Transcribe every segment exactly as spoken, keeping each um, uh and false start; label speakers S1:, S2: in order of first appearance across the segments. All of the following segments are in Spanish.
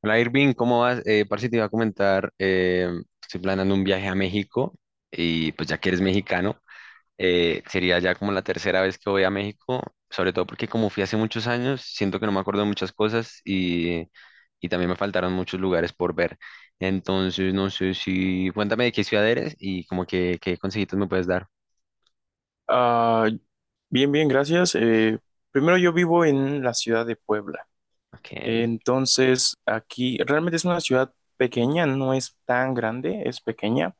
S1: Hola Irving, ¿cómo vas? Eh, parce, te iba a comentar, eh, estoy planeando un viaje a México y pues ya que eres mexicano, eh, sería ya como la tercera vez que voy a México, sobre todo porque como fui hace muchos años, siento que no me acuerdo de muchas cosas y, y también me faltaron muchos lugares por ver. Entonces, no sé si, cuéntame de qué ciudad eres y como que qué consejitos me puedes dar.
S2: Ah, bien, bien, gracias. Eh, primero yo vivo en la ciudad de Puebla.
S1: Okay.
S2: Entonces, aquí realmente es una ciudad pequeña, no es tan grande, es pequeña.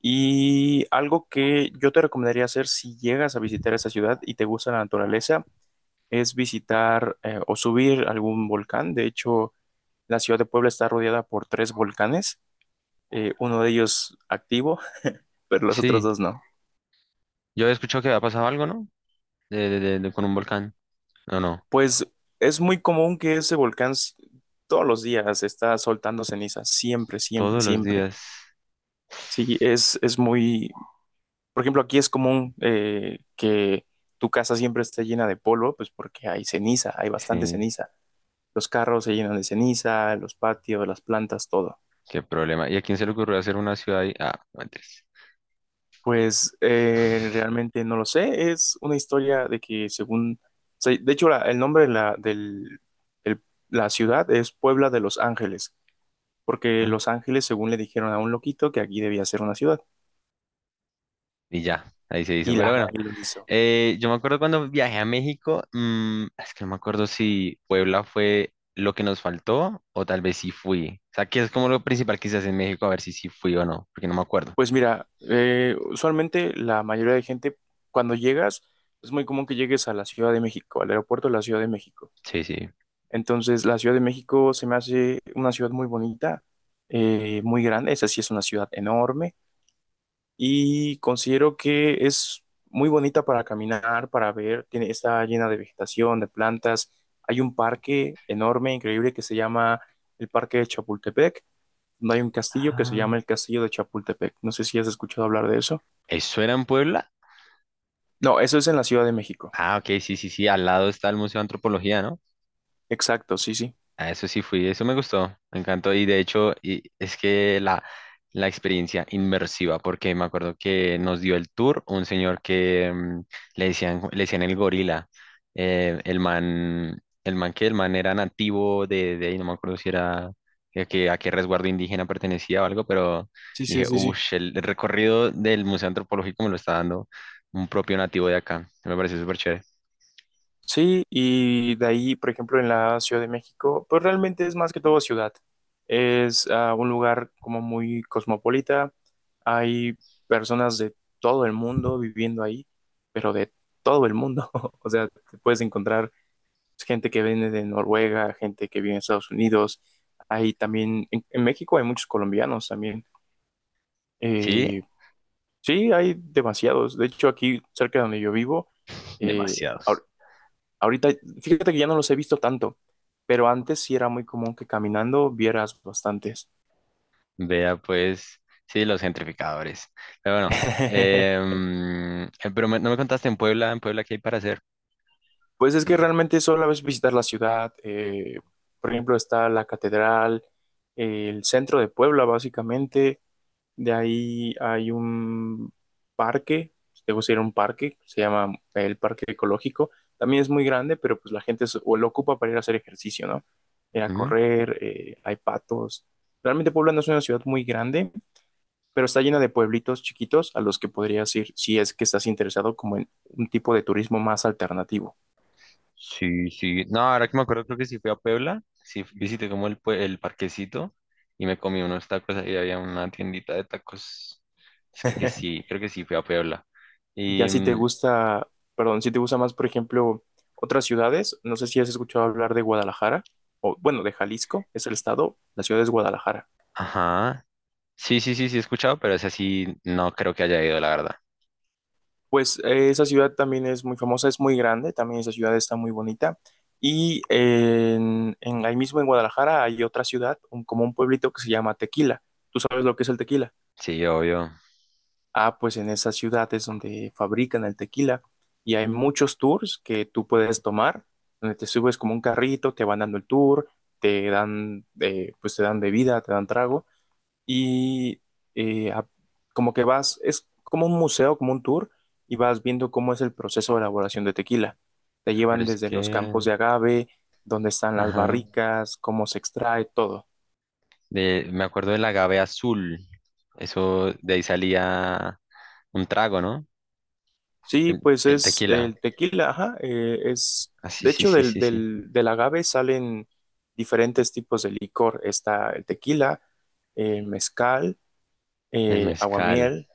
S2: Y algo que yo te recomendaría hacer si llegas a visitar esa ciudad y te gusta la naturaleza es visitar eh, o subir algún volcán. De hecho, la ciudad de Puebla está rodeada por tres volcanes, eh, uno de ellos activo, pero los otros
S1: Sí,
S2: dos no.
S1: yo he escuchado que había pasado algo, ¿no? De- de- de- de- con un volcán. No, no,
S2: Pues es muy común que ese volcán s- todos los días está soltando cenizas, siempre, siempre,
S1: todos los
S2: siempre.
S1: días.
S2: Sí, es, es muy, por ejemplo, aquí es común eh, que tu casa siempre esté llena de polvo, pues porque hay ceniza, hay bastante
S1: Sí.
S2: ceniza. Los carros se llenan de ceniza, los patios, las plantas, todo.
S1: Qué problema. ¿Y a quién se le ocurrió hacer una ciudad ahí? Ah, no mentiras.
S2: Pues eh, realmente no lo sé, es una historia de que según, o sea, de hecho la- el nombre de la, del, el- la ciudad es Puebla de los Ángeles. Porque
S1: Ajá.
S2: Los Ángeles, según le dijeron a un loquito, que aquí debía ser una ciudad,
S1: Y ya, ahí se hizo.
S2: y
S1: Pero
S2: la
S1: bueno,
S2: y lo hizo.
S1: eh, yo me acuerdo cuando viajé a México, mm, es que no me acuerdo si Puebla fue lo que nos faltó o tal vez sí fui. O sea, que es como lo principal que se hace en México, a ver si sí fui o no, porque no me acuerdo.
S2: Pues mira, eh, usualmente la mayoría de gente, cuando llegas, es muy común que llegues a la Ciudad de México, al aeropuerto de la Ciudad de México.
S1: Sí, sí.
S2: Entonces, la Ciudad de México se me hace una ciudad muy bonita, eh, muy grande, esa sí es una ciudad enorme, y considero que es muy bonita para caminar, para ver, tiene, está llena de vegetación, de plantas. Hay un parque enorme, increíble, que se llama el Parque de Chapultepec, donde hay un castillo que se llama
S1: Ah.
S2: el Castillo de Chapultepec. No sé si has escuchado hablar de eso.
S1: ¿Eso era en Puebla?
S2: No, eso es en la Ciudad de México.
S1: Ah, ok, sí, sí, sí. Al lado está el Museo de Antropología, ¿no?
S2: Exacto, sí, sí.
S1: A eso sí fui, eso me gustó, me encantó. Y de hecho, y es que la, la experiencia inmersiva, porque me acuerdo que nos dio el tour un señor que mm, le decían, le decían el gorila. Eh, el man, el man que el man era nativo de, de ahí, no me acuerdo si era a qué, a qué resguardo indígena pertenecía o algo, pero
S2: Sí, sí,
S1: dije,
S2: sí, sí.
S1: uff, el, el recorrido del Museo Antropológico me lo está dando un propio nativo de acá. Me pareció súper chévere.
S2: Sí, y de ahí, por ejemplo, en la Ciudad de México, pues realmente es más que todo ciudad. Es ah, un lugar como muy cosmopolita, hay personas de todo el mundo viviendo ahí, pero de todo el mundo. O sea, te puedes encontrar gente que viene de Noruega, gente que viene de Estados Unidos. Hay también, en, en México hay muchos colombianos también.
S1: Sí,
S2: Eh, sí, hay demasiados. De hecho, aquí cerca de donde yo vivo, eh,
S1: demasiados.
S2: ahor- ahorita, fíjate que ya no los he visto tanto, pero antes sí era muy común que caminando vieras bastantes.
S1: Vea, pues, sí, los gentrificadores. Pero bueno, em, eh, pero me- no me contaste en Puebla, en Puebla, ¿qué hay para hacer?
S2: Pues es que
S1: Mm.
S2: realmente solo es visitar la ciudad. Eh, por ejemplo, está la catedral, el centro de Puebla, básicamente. De ahí hay un parque, si te gusta ir a un parque, se llama el Parque Ecológico. También es muy grande, pero pues la gente es- o lo ocupa para ir a hacer ejercicio, ¿no? Ir a
S1: Ujú.
S2: correr, eh, hay patos. Realmente Puebla no es una ciudad muy grande, pero está llena de pueblitos chiquitos a los que podrías ir si es que estás interesado como en un tipo de turismo más alternativo.
S1: Sí, sí. No, ahora que me acuerdo, creo que sí fui a Puebla, sí visité como el, pue- el parquecito y me comí unos tacos, ahí había una tiendita de tacos. Pues creo que sí, creo que sí fui a Puebla.
S2: Y ya
S1: Y,
S2: si te
S1: mm,
S2: gusta, perdón, si te gusta más, por ejemplo, otras ciudades, no sé si has escuchado hablar de Guadalajara, o bueno, de Jalisco, es el estado, la ciudad es Guadalajara.
S1: ajá, sí, sí, sí, sí he escuchado, pero ese sí no creo que haya ido, la verdad.
S2: Pues eh, esa ciudad también es muy famosa, es muy grande, también esa ciudad está muy bonita. Y en, en- ahí mismo en Guadalajara hay otra ciudad, un- como un pueblito que se llama Tequila. ¿Tú sabes lo que es el tequila?
S1: Sí, obvio.
S2: Ah, pues en esas ciudades donde fabrican el tequila y hay muchos tours que tú puedes tomar, donde te subes como un carrito, te van dando el tour, te dan, eh, pues te dan bebida, te dan trago y eh, a- como que vas, es como un museo, como un tour y vas viendo cómo es el proceso de elaboración de tequila. Te
S1: Pero
S2: llevan
S1: es
S2: desde los
S1: que,
S2: campos de agave, donde están las
S1: ajá.
S2: barricas, cómo se extrae, todo.
S1: De, me acuerdo del agave azul. Eso de ahí salía un trago, ¿no?
S2: Sí,
S1: El,
S2: pues
S1: el
S2: es
S1: tequila.
S2: el tequila, ajá, eh, es,
S1: Ah, sí,
S2: de
S1: sí,
S2: hecho,
S1: sí,
S2: del,
S1: sí, sí.
S2: del, del agave salen diferentes tipos de licor. Está el tequila, el mezcal,
S1: El
S2: eh,
S1: mezcal.
S2: aguamiel.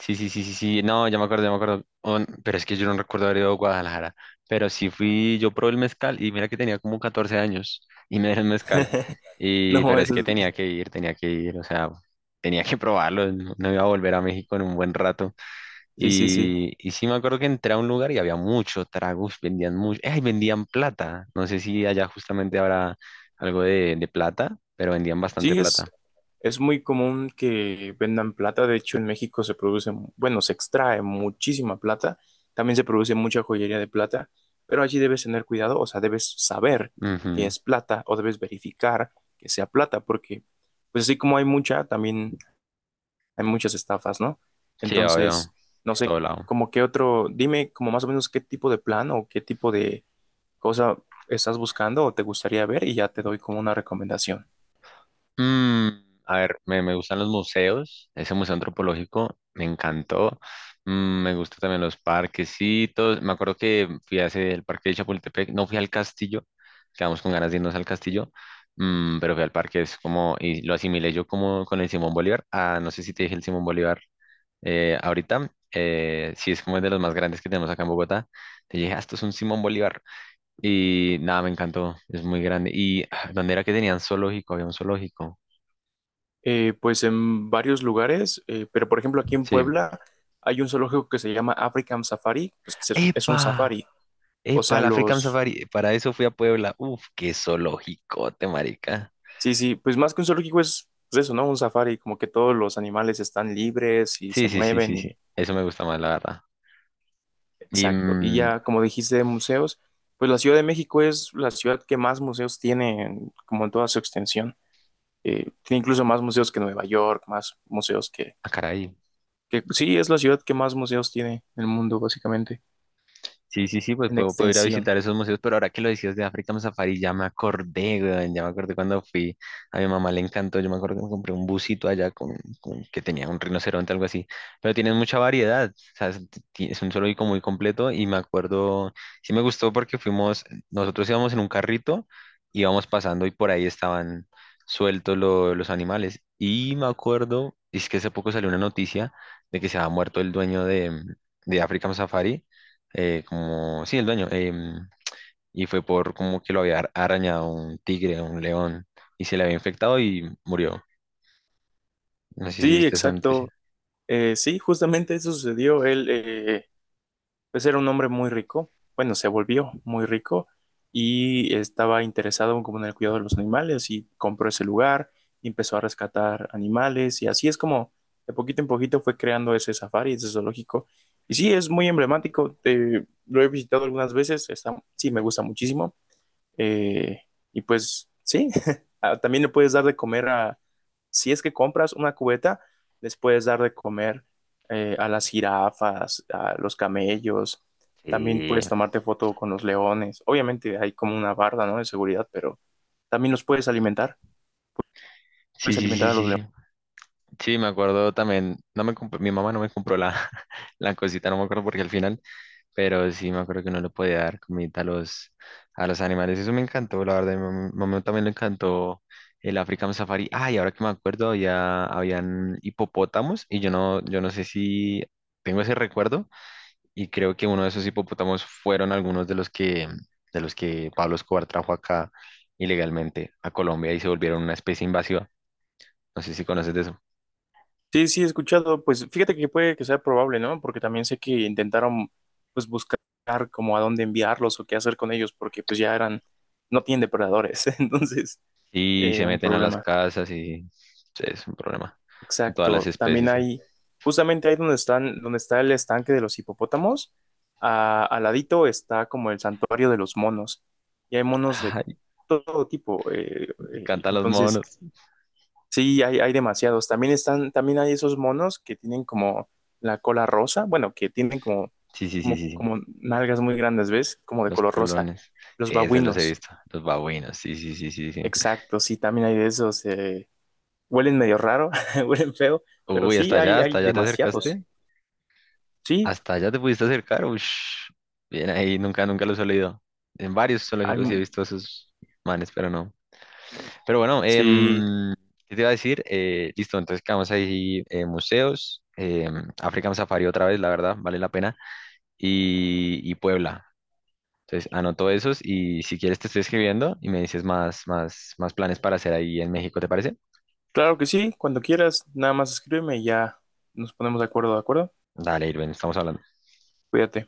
S1: Sí, sí, sí, sí, sí. No, ya me acuerdo, ya me acuerdo. Oh, n- pero es que yo no recuerdo haber ido a Guadalajara. Pero sí fui, yo probé el mezcal y mira que tenía como catorce años y me dieron mezcal. Y,
S2: No,
S1: pero es
S2: eso
S1: que
S2: es,
S1: tenía que ir, tenía que ir, o sea, tenía que probarlo. No, no iba a volver a México en un buen rato.
S2: sí, sí, sí.
S1: Y, y sí me acuerdo que entré a un lugar y había mucho tragos, vendían mucho, ¡ay! Vendían plata. No sé si allá justamente habrá algo de, de plata, pero vendían bastante
S2: Sí, es,
S1: plata.
S2: es muy común que vendan plata. De hecho, en México se produce, bueno, se extrae muchísima plata. También se produce mucha joyería de plata, pero allí debes tener cuidado, o sea, debes saber que
S1: Ujú.
S2: es plata o debes verificar que sea plata, porque pues así como hay mucha, también hay muchas estafas, ¿no?
S1: Sí, obvio,
S2: Entonces, no sé,
S1: todo lado.
S2: como qué otro, dime como más o menos qué tipo de plan o qué tipo de cosa estás buscando o te gustaría ver y ya te doy como una recomendación.
S1: Mm, a ver, me, me gustan los museos, ese museo antropológico me encantó. Mm, me gustan también los parquecitos, me acuerdo que fui hacia el parque de Chapultepec, no fui al castillo, quedamos con ganas de irnos al castillo, mm, pero fui al parque, es como, y lo asimilé yo como con el Simón Bolívar, ah, no sé si te dije el Simón Bolívar eh, ahorita, eh, sí es como el de los más grandes que tenemos acá en Bogotá, te dije, ah, esto es un Simón Bolívar, y nada, me encantó, es muy grande, y ah, ¿dónde era que tenían zoológico? Había un zoológico.
S2: Eh, pues en varios lugares, eh, pero por ejemplo aquí en
S1: Sí.
S2: Puebla hay un zoológico que se llama African Safari, pues que es, es un
S1: ¡Epa!
S2: safari. O sea,
S1: ¡Epa! La African
S2: los...
S1: Safari. Para eso fui a Puebla. Uf, qué zoológico, te marica.
S2: Sí, sí, pues más que un zoológico es pues eso, ¿no? Un safari, como que todos los animales están libres y se
S1: Sí, sí, sí,
S2: mueven
S1: sí,
S2: y...
S1: sí. Eso me gusta más, la verdad. Y,
S2: Exacto. Y
S1: mm,
S2: ya, como dijiste, de museos, pues la Ciudad de México es la ciudad que más museos tiene, en- como en toda su extensión. Eh, tiene incluso más museos que Nueva York, más museos que,
S1: ah, caray.
S2: que... Sí, es la ciudad que más museos tiene en el mundo, básicamente,
S1: Sí, sí, sí, pues
S2: en
S1: puedo, puedo ir a
S2: extensión.
S1: visitar esos museos, pero ahora que lo decías de África Safari, ya me acordé, weón, ya me acordé cuando fui, a mi mamá le encantó, yo me acuerdo que me compré un busito allá con, con- que tenía un rinoceronte, algo así, pero tienen mucha variedad, o sea, es, ti- es un zoológico muy completo y me acuerdo, sí me gustó porque fuimos, nosotros íbamos en un carrito, íbamos pasando y por ahí estaban sueltos lo- los animales y me acuerdo, es que hace poco salió una noticia de que se había muerto el dueño de, de África Safari eh, como, sí, el dueño, em, y fue por como que lo había ar- arañado un tigre, un león, y se le había infectado y murió. No sé si
S2: Sí,
S1: viste esa
S2: exacto.
S1: noticia.
S2: Eh, sí, justamente eso sucedió. Él, eh, pues era un hombre muy rico. Bueno, se volvió muy rico y estaba interesado como en el cuidado de los animales y compró ese lugar y empezó a rescatar animales y así es como de poquito en poquito fue creando ese safari, ese zoológico. Y sí, es muy emblemático. Eh, lo he visitado algunas veces. Está, sí, me gusta muchísimo. Eh, y pues sí, ah, también le puedes dar de comer a, si es que compras una cubeta, les puedes dar de comer eh, a las jirafas, a los camellos. También
S1: Sí,
S2: puedes tomarte foto con los leones. Obviamente hay como una barda, ¿no? De seguridad, pero también los puedes alimentar.
S1: sí,
S2: Puedes
S1: sí,
S2: alimentar
S1: sí,
S2: a los
S1: sí.
S2: leones.
S1: Sí, sí, me acuerdo también, no me compró- mi mamá no me compró la, la cosita, no me acuerdo porque al final, pero sí me acuerdo que no le podía dar comida a los, a los animales. Eso me encantó, la verdad, mi mam- mamá también le encantó el African Safari. Ah, y ahora que me acuerdo, había, habían hipopótamos y yo no, yo no sé si tengo ese recuerdo, y creo que uno de esos hipopótamos fueron algunos de los que, de los que Pablo Escobar trajo acá ilegalmente a Colombia y se volvieron una especie invasiva. No sé si conoces de eso.
S2: Sí, sí, he escuchado. Pues fíjate que puede que sea probable, ¿no? Porque también sé que intentaron, pues, buscar como a dónde enviarlos o qué hacer con ellos, porque pues ya eran, no tienen depredadores. Entonces,
S1: Y
S2: eh,
S1: se
S2: un
S1: meten a las
S2: problema.
S1: casas y sí, es un problema con todas las
S2: Exacto. También
S1: especies. ¿Eh?
S2: hay, justamente ahí donde están, donde está el estanque de los hipopótamos, a- al ladito está como el santuario de los monos. Y hay monos de
S1: Ay,
S2: todo tipo. Eh, eh,
S1: cantan los
S2: entonces,
S1: monos.
S2: sí, hay, hay demasiados. También están, también hay esos monos que tienen como la cola rosa, bueno, que tienen como,
S1: Sí, sí, sí,
S2: como,
S1: sí, sí.
S2: como nalgas muy grandes, ¿ves? Como de
S1: Los
S2: color rosa.
S1: culones.
S2: Los
S1: Sí, esos los he
S2: babuinos.
S1: visto. Los babuinos. Sí, sí, sí, sí, sí.
S2: Exacto, sí, también hay de esos. Eh, huelen medio raro, huelen feo, pero
S1: Uy,
S2: sí,
S1: hasta
S2: hay,
S1: allá,
S2: hay
S1: hasta allá te
S2: demasiados.
S1: acercaste.
S2: Sí,
S1: Hasta allá te pudiste acercar, ush. Bien ahí, nunca, nunca los he leído. En varios zoológicos sí he
S2: hay,
S1: visto a esos manes, pero no. Pero bueno,
S2: sí,
S1: em, ¿qué te iba a decir? Eh, listo, entonces quedamos ahí, eh, museos, em, African Safari otra vez, la verdad, vale la pena, y, y Puebla. Entonces anoto esos y si quieres te estoy escribiendo y me dices más, más, más planes para hacer ahí en México, ¿te parece?
S2: claro que sí, cuando quieras, nada más escríbeme y ya nos ponemos de acuerdo, ¿de acuerdo?
S1: Dale, Irving, estamos hablando.
S2: Cuídate.